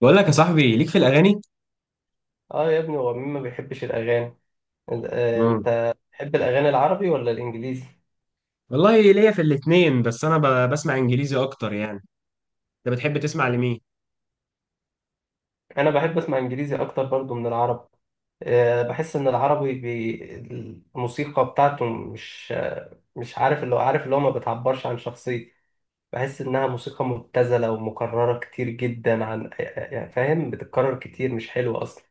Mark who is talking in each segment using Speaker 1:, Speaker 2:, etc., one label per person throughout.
Speaker 1: بقول لك يا صاحبي، ليك في الاغاني.
Speaker 2: اه، يا ابني هو مين ما بيحبش الاغاني؟
Speaker 1: امم
Speaker 2: انت تحب الاغاني العربي ولا الانجليزي؟
Speaker 1: والله ليا في الاتنين، بس انا بسمع انجليزي اكتر يعني. انت بتحب تسمع لمين؟
Speaker 2: انا بحب اسمع انجليزي اكتر برضو من العربي. بحس ان العربي الموسيقى بتاعته مش عارف اللي هو ما بتعبرش عن شخصيتي. بحس انها موسيقى مبتذله ومكرره كتير جدا عن يعني فاهم بتتكرر كتير مش حلوه اصلا.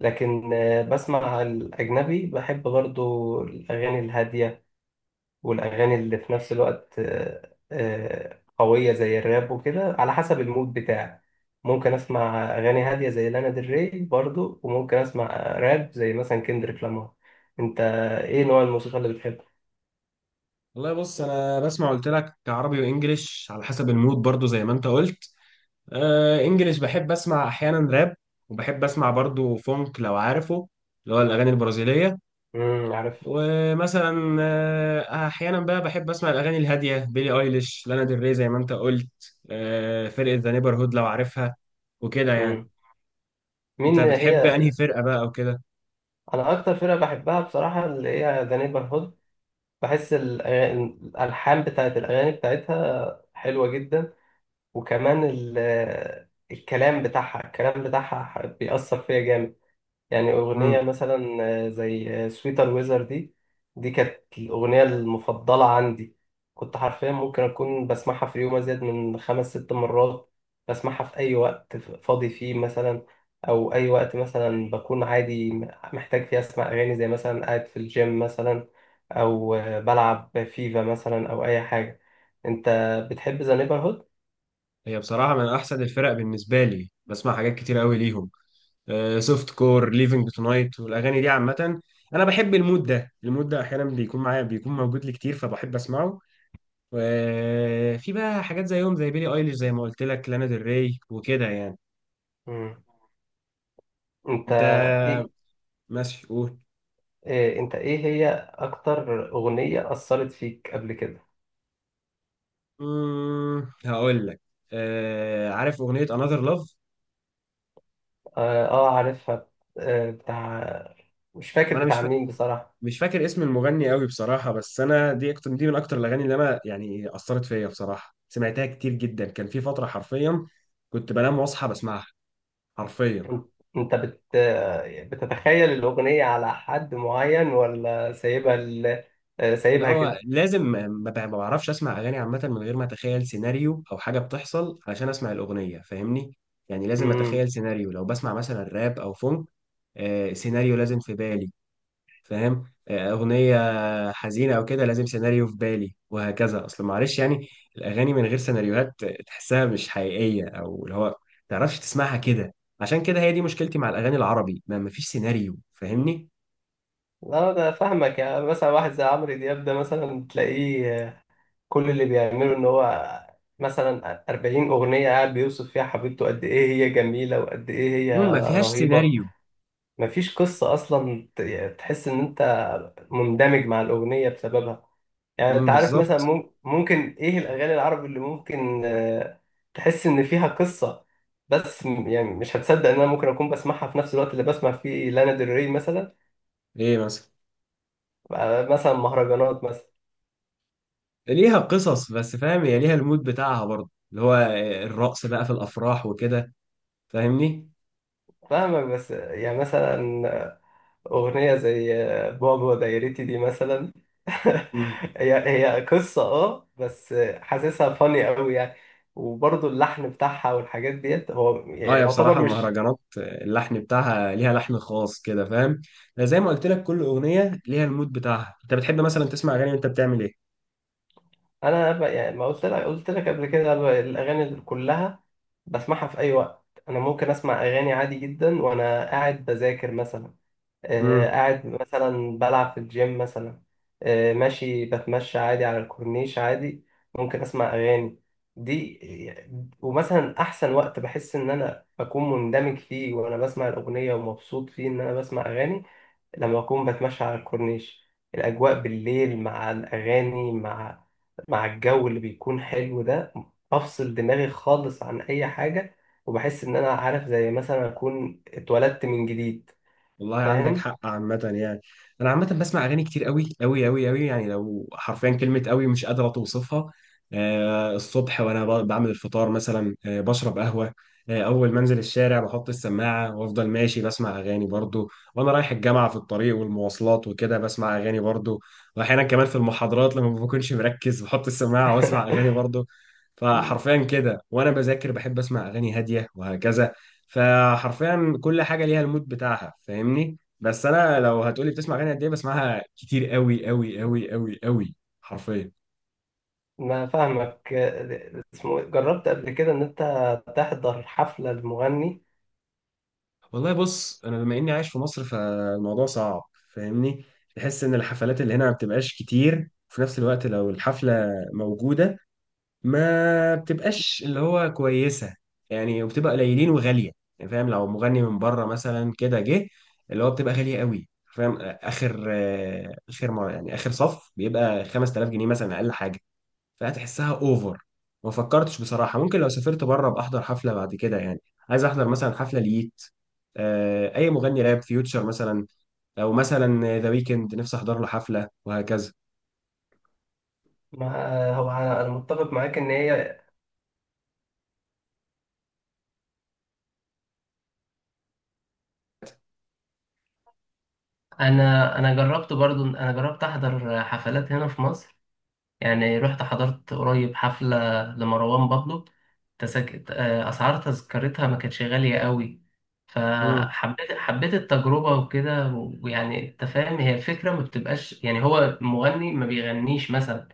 Speaker 2: لكن بسمع الاجنبي، بحب برضو الاغاني الهاديه والأغاني اللي في نفس الوقت قوية زي الراب وكده على حسب المود بتاعي. ممكن أسمع أغاني هادية زي لانا ديل ري برضو، وممكن أسمع راب زي مثلا كندريك لامار. أنت، إيه نوع الموسيقى اللي بتحبها؟
Speaker 1: والله بص، انا بسمع، قلت لك عربي وانجليش على حسب المود برضو زي ما انت قلت. انجليش، بحب اسمع احيانا راب، وبحب اسمع برضو فونك لو عارفه، اللي هو الاغاني البرازيليه.
Speaker 2: امم، عارف.
Speaker 1: ومثلا احيانا بقى بحب اسمع الاغاني الهاديه، بيلي ايليش، لانا ديل ري، زي ما انت قلت. فرقه ذا نيبرهود لو عارفها، وكده يعني.
Speaker 2: امم،
Speaker 1: انت
Speaker 2: مين
Speaker 1: بتحب انهي
Speaker 2: هي؟
Speaker 1: فرقه بقى او كده؟
Speaker 2: أنا أكتر فرقة بحبها بصراحة اللي هي ذا نيبرهود. بحس الألحان بتاعت الأغاني بتاعتها حلوة جدا. وكمان الكلام بتاعها بيأثر فيا جامد. يعني
Speaker 1: امم
Speaker 2: أغنية مثلا، زي سويتر ويزر دي. دي كانت الأغنية المفضلة عندي. كنت حرفيا ممكن أكون بسمعها في اليوم أزيد من خمس ست مرات. بسمعها في أي وقت فاضي فيه مثلا، أو أي وقت مثلا بكون عادي محتاج فيه أسمع أغاني، زي مثلا قاعد في الجيم مثلا، أو بلعب فيفا مثلا أو أي حاجة. أنت، بتحب ذا نيبرهود؟
Speaker 1: هي بصراحه من احسن الفرق بالنسبه لي، بسمع حاجات كتير قوي ليهم. سوفت كور، ليفنج تونايت، والاغاني دي عامه. انا بحب المود ده، المود ده احيانا بيكون معايا، بيكون موجود لي كتير فبحب اسمعه. وفي بقى حاجات زيهم، زي بيلي ايليش، زي ما قلت لك لانا ديل ري، وكده يعني.
Speaker 2: مم. أنت،
Speaker 1: انت؟
Speaker 2: إيه
Speaker 1: ماشي قول.
Speaker 2: إيه انت ايه هي اكتر اغنية اثرت فيك قبل كده؟
Speaker 1: هقول لك. عارف اغنيه Another Love؟
Speaker 2: اه، عارفها. آه بتاع مش فاكر
Speaker 1: وانا
Speaker 2: بتاع مين بصراحة.
Speaker 1: مش فاكر اسم المغني قوي بصراحة. بس أنا دي أكتر، دي من أكتر الأغاني اللي أنا يعني أثرت فيا بصراحة، سمعتها كتير جدا، كان في فترة حرفيا كنت بنام وأصحى بسمعها، حرفيا.
Speaker 2: انت، أنت بت بتتخيل الاغنية على حد معين، ولا سايبها ال... آه،
Speaker 1: لا،
Speaker 2: سايبها
Speaker 1: هو
Speaker 2: كده؟
Speaker 1: لازم، ما بعرفش أسمع أغاني عامة من غير ما أتخيل سيناريو أو حاجة بتحصل علشان أسمع الأغنية، فاهمني. يعني لازم
Speaker 2: امم.
Speaker 1: أتخيل سيناريو لو بسمع مثلا راب أو فونك. سيناريو لازم في بالي. فاهم؟ أغنية حزينة أو كده لازم سيناريو في بالي وهكذا، أصل معلش يعني. الأغاني من غير سيناريوهات تحسها مش حقيقية، أو اللي هو متعرفش تسمعها كده. عشان كده هي دي مشكلتي مع الأغاني العربي، ما مفيش سيناريو، فاهمني؟
Speaker 2: لا، انا فاهمك. يعني مثلا واحد زي عمرو دياب ده، مثلا تلاقيه كل اللي بيعمله ان هو مثلا 40 اغنية قاعد بيوصف فيها حبيبته قد ايه هي جميلة وقد ايه هي
Speaker 1: مم، ما فيهاش
Speaker 2: رهيبة.
Speaker 1: سيناريو.
Speaker 2: مفيش قصة أصلا، يعني تحس إن أنت مندمج مع الأغنية بسببها. يعني أنت
Speaker 1: مم،
Speaker 2: عارف مثلا،
Speaker 1: بالظبط.
Speaker 2: ممكن إيه الأغاني العربي اللي ممكن تحس إن فيها قصة؟ بس يعني مش هتصدق إن أنا ممكن أكون بسمعها في نفس الوقت اللي بسمع فيه لانا ديل ري مثلا.
Speaker 1: إيه مثلا؟
Speaker 2: مثلا مهرجانات مثلا.
Speaker 1: ليها قصص، بس فاهم، هي ليها المود بتاعها برضه، اللي هو الرقص بقى في الأفراح وكده، فاهمني؟
Speaker 2: فاهمك، بس يعني مثلا أغنية زي بابا دايرتي دي مثلا هي هي قصة، اه، بس حاسسها فاني قوي يعني. وبرضه اللحن بتاعها والحاجات ديت هو
Speaker 1: اه يا،
Speaker 2: يعتبر
Speaker 1: بصراحة
Speaker 2: مش.
Speaker 1: المهرجانات اللحن بتاعها ليها لحن خاص كده، فاهم؟ زي ما قلت لك كل أغنية ليها المود بتاعها. انت بتحب مثلا تسمع أغاني وانت بتعمل ايه؟
Speaker 2: أنا يعني ما قلت لك قبل كده، الأغاني اللي كلها بسمعها في أي وقت. أنا ممكن أسمع أغاني عادي جدا وأنا قاعد بذاكر مثلا،
Speaker 1: امم.
Speaker 2: قاعد مثلا بلعب في الجيم مثلا، ماشي بتمشى عادي على الكورنيش عادي، ممكن اسمع اغاني دي. ومثلا احسن وقت بحس ان انا بكون مندمج فيه وانا بسمع الاغنيه ومبسوط فيه ان انا بسمع اغاني لما اكون بتمشى على الكورنيش. الاجواء بالليل مع الاغاني مع مع الجو اللي بيكون حلو ده، بفصل دماغي خالص عن اي حاجه. وبحس ان انا، عارف، زي مثلا اكون اتولدت من جديد،
Speaker 1: والله عندك
Speaker 2: فاهم؟
Speaker 1: حق عامة يعني. أنا عامة بسمع أغاني كتير أوي أوي أوي أوي، يعني لو حرفيا كلمة أوي مش قادرة توصفها. الصبح وأنا بعمل الفطار مثلا، بشرب قهوة. أول ما أنزل الشارع بحط السماعة وأفضل ماشي بسمع أغاني برضو، وأنا رايح الجامعة في الطريق والمواصلات وكده بسمع أغاني برضو. وأحيانا كمان في المحاضرات لما ما بكونش مركز بحط السماعة وأسمع أغاني برضو.
Speaker 2: مم.
Speaker 1: فحرفيا كده وأنا بذاكر بحب أسمع أغاني هادية وهكذا. فحرفيا كل حاجه ليها المود بتاعها، فاهمني. بس انا لو هتقولي بتسمع اغاني قد ايه، بسمعها كتير قوي قوي قوي قوي قوي، حرفيا.
Speaker 2: انا فاهمك. اسمه إيه؟ جربت قبل كده ان انت تحضر حفلة لمغني؟
Speaker 1: والله بص، انا بما اني عايش في مصر فالموضوع صعب، فاهمني. تحس ان الحفلات اللي هنا ما بتبقاش كتير، وفي نفس الوقت لو الحفله موجوده ما بتبقاش اللي هو كويسة، يعني وبتبقى قليلين وغالية يعني. فاهم، لو مغني من بره مثلا كده جه، اللي هو بتبقى غالية قوي. فاهم؟ آخر آه، آخر مر- يعني آخر صف بيبقى 5000 جنيه مثلا أقل حاجة، فهتحسها أوفر. ما فكرتش بصراحة، ممكن لو سافرت بره بأحضر حفلة بعد كده يعني. عايز أحضر مثلا حفلة ليت، أي مغني راب، فيوتشر مثلا، أو مثلا ذا ويكند نفسي أحضر له حفلة وهكذا.
Speaker 2: ما آه، هو أنا متفق معاك ان هي. انا جربت برضو، انا جربت احضر حفلات هنا في مصر. يعني رحت حضرت قريب حفلة لمروان بابلو. تسك... آه، اسعار تذكرتها ما كانتش غالية قوي،
Speaker 1: مم.
Speaker 2: فحبيت التجربة وكده. ويعني انت فاهم، هي الفكرة ما بتبقاش يعني هو مغني ما بيغنيش مثلا.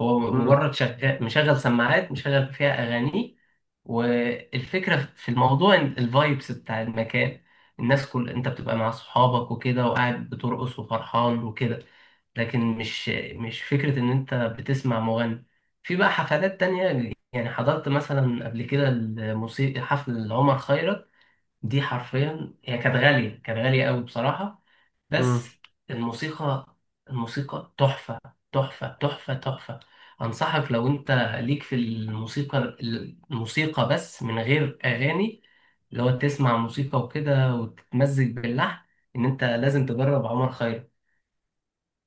Speaker 2: هو مجرد شغال مشغل سماعات مشغل فيها اغانيه. والفكره في الموضوع إن الفايبس بتاع المكان، الناس، كل انت بتبقى مع صحابك وكده وقاعد بترقص وفرحان وكده. لكن مش، فكره ان انت بتسمع مغني. في بقى حفلات تانية، يعني حضرت مثلا قبل كده الموسيقى، حفل عمر خيرت. دي حرفيا هي كانت غاليه، كانت غاليه قوي بصراحه. بس
Speaker 1: مم.
Speaker 2: الموسيقى الموسيقى تحفة، تحفة، تحفة، تحفة. أنصحك، لو أنت ليك في الموسيقى بس من غير أغاني، اللي هو تسمع موسيقى وكده وتتمزج باللحن، إن أنت لازم تجرب عمر خيرت.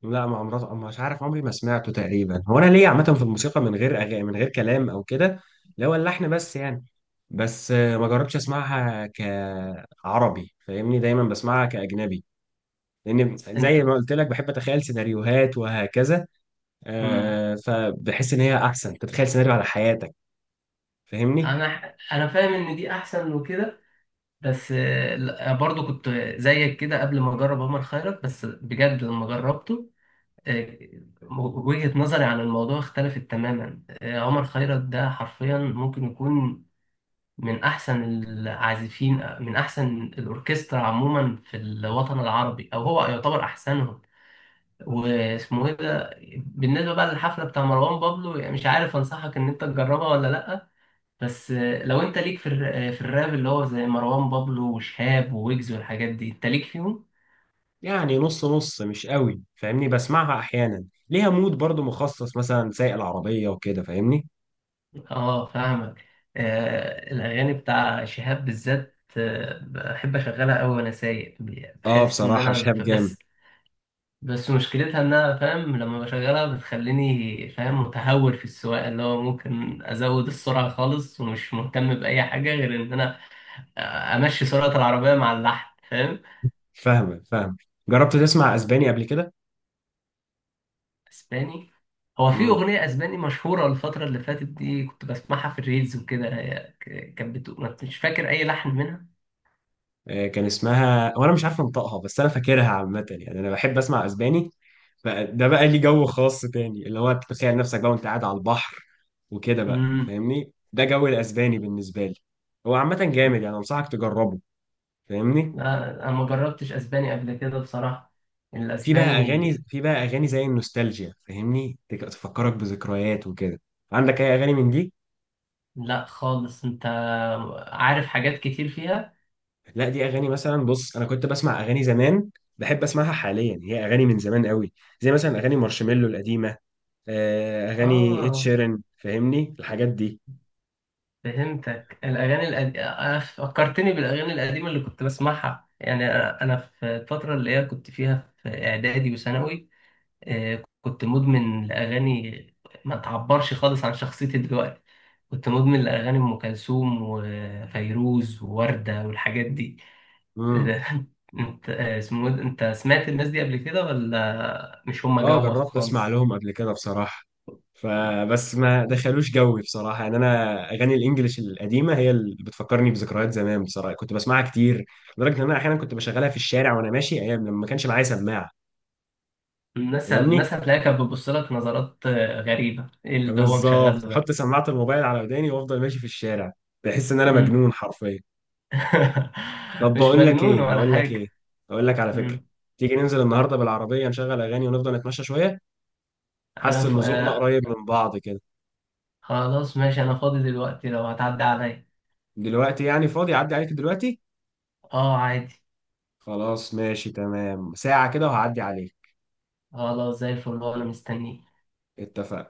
Speaker 1: لا، ما عمري، مش عارف عمري ما سمعته تقريبا. هو انا ليا عامه في الموسيقى من غير أغاني، من غير كلام او كده، اللي هو اللحن بس يعني. بس ما جربتش اسمعها كعربي، فاهمني، دايما بسمعها كاجنبي، لان
Speaker 2: أنت.
Speaker 1: زي ما قلت لك بحب اتخيل سيناريوهات وهكذا.
Speaker 2: مم.
Speaker 1: فبحس ان هي احسن تتخيل سيناريو على حياتك، فاهمني.
Speaker 2: أنا فاهم إن دي أحسن وكده. بس لا، برضو كنت زيك كده قبل ما أجرب عمر خيرت، بس بجد لما جربته، آه، وجهة نظري عن الموضوع اختلفت تماما. عمر خيرت ده حرفيا ممكن يكون من أحسن العازفين، من أحسن الأوركسترا عموما في الوطن العربي، أو هو يعتبر أحسنهم. واسمه إيه ده. بالنسبة بقى للحفلة بتاع مروان بابلو، يعني مش عارف أنصحك إن أنت تجربها ولا لأ. بس لو أنت ليك في في الراب، اللي هو زي مروان بابلو وشهاب وويجز والحاجات دي، أنت ليك فيهم؟
Speaker 1: يعني نص نص، مش قوي فاهمني، بسمعها احيانا. ليها مود برضو مخصص، مثلا سايق العربيه وكده، فاهمني.
Speaker 2: اه، فاهمك. الاغاني بتاع شهاب بالذات، بحب اشغلها قوي وانا سايق.
Speaker 1: اه
Speaker 2: بحس ان
Speaker 1: بصراحه
Speaker 2: انا،
Speaker 1: شهاب جامد.
Speaker 2: بس. مشكلتها انها، فاهم، لما بشغلها بتخليني، فاهم، متهور في السواقه، اللي هو ممكن ازود السرعه خالص ومش مهتم باي حاجه غير ان انا امشي سرعه العربيه مع اللحن، فاهم.
Speaker 1: فاهمك فاهم. جربت تسمع اسباني قبل كده؟
Speaker 2: اسباني؟ هو في
Speaker 1: امم
Speaker 2: اغنيه اسباني مشهوره الفتره اللي فاتت دي كنت بسمعها في الريلز وكده، هي كانت بتقول، مش فاكر اي لحن منها.
Speaker 1: كان اسمها وانا مش عارف انطقها، بس انا فاكرها عامه، يعني انا بحب اسمع اسباني. فده بقى لي جو خاص تاني، اللي هو تتخيل نفسك بقى وانت قاعد على البحر وكده بقى،
Speaker 2: امم.
Speaker 1: فاهمني، ده جو الاسباني بالنسبه لي. هو عامه جامد يعني، انصحك تجربه، فاهمني.
Speaker 2: لا، انا ما جربتش اسباني قبل كده بصراحة، الاسباني.
Speaker 1: في بقى اغاني زي النوستالجيا، فاهمني، تفكرك بذكريات وكده. عندك اي اغاني من دي؟
Speaker 2: لا خالص. انت عارف حاجات كتير فيها.
Speaker 1: لا، دي اغاني مثلا، بص انا كنت بسمع اغاني زمان بحب اسمعها حاليا، هي اغاني من زمان قوي، زي مثلا اغاني مارشميلو القديمه، اغاني اد
Speaker 2: اه،
Speaker 1: شيرن، فاهمني الحاجات دي.
Speaker 2: فهمتك. الاغاني القديمة فكرتني بالاغاني القديمة اللي كنت بسمعها، يعني أنا في الفترة اللي هي كنت فيها في اعدادي وثانوي، كنت مدمن لاغاني ما تعبرش خالص عن شخصيتي دلوقتي. كنت مدمن لاغاني ام كلثوم وفيروز ووردة والحاجات دي.
Speaker 1: امم.
Speaker 2: انت، اسمه إيه ده؟ انت سمعت الناس دي قبل كده ولا مش هم
Speaker 1: اه،
Speaker 2: جوك
Speaker 1: جربت اسمع
Speaker 2: خالص؟
Speaker 1: لهم قبل كده بصراحه، فبس ما دخلوش جوي بصراحه، يعني انا اغاني الانجليش القديمه هي اللي بتفكرني بذكريات زمان، بصراحه كنت بسمعها كتير، لدرجه ان انا احيانا كنت بشغلها في الشارع وانا ماشي ايام لما ما كانش معايا سماعه.
Speaker 2: الناس
Speaker 1: فاهمني.
Speaker 2: الناس هتلاقيها كانت بتبص لك نظرات غريبة، ايه اللي هو
Speaker 1: بالظبط،
Speaker 2: مشغله ده.
Speaker 1: احط سماعه الموبايل على وداني وافضل ماشي في الشارع، بحس ان انا
Speaker 2: مم.
Speaker 1: مجنون حرفيا. طب
Speaker 2: مش
Speaker 1: بقول لك
Speaker 2: مجنون
Speaker 1: ايه،
Speaker 2: ولا
Speaker 1: بقول لك
Speaker 2: حاجة.
Speaker 1: ايه، بقول لك على فكره،
Speaker 2: مم.
Speaker 1: تيجي ننزل النهارده بالعربيه نشغل اغاني ونفضل نتمشى شويه؟ حاسس
Speaker 2: انا ف...
Speaker 1: ان ذوقنا
Speaker 2: آه،
Speaker 1: قريب من بعض كده.
Speaker 2: خلاص ماشي، انا فاضي دلوقتي لو هتعدي عليا.
Speaker 1: دلوقتي يعني؟ فاضي، اعدي عليك دلوقتي؟
Speaker 2: اه، عادي.
Speaker 1: خلاص ماشي تمام، ساعه كده وهعدي عليك.
Speaker 2: خلاص، زي الفل انا مستنيك.
Speaker 1: اتفقنا.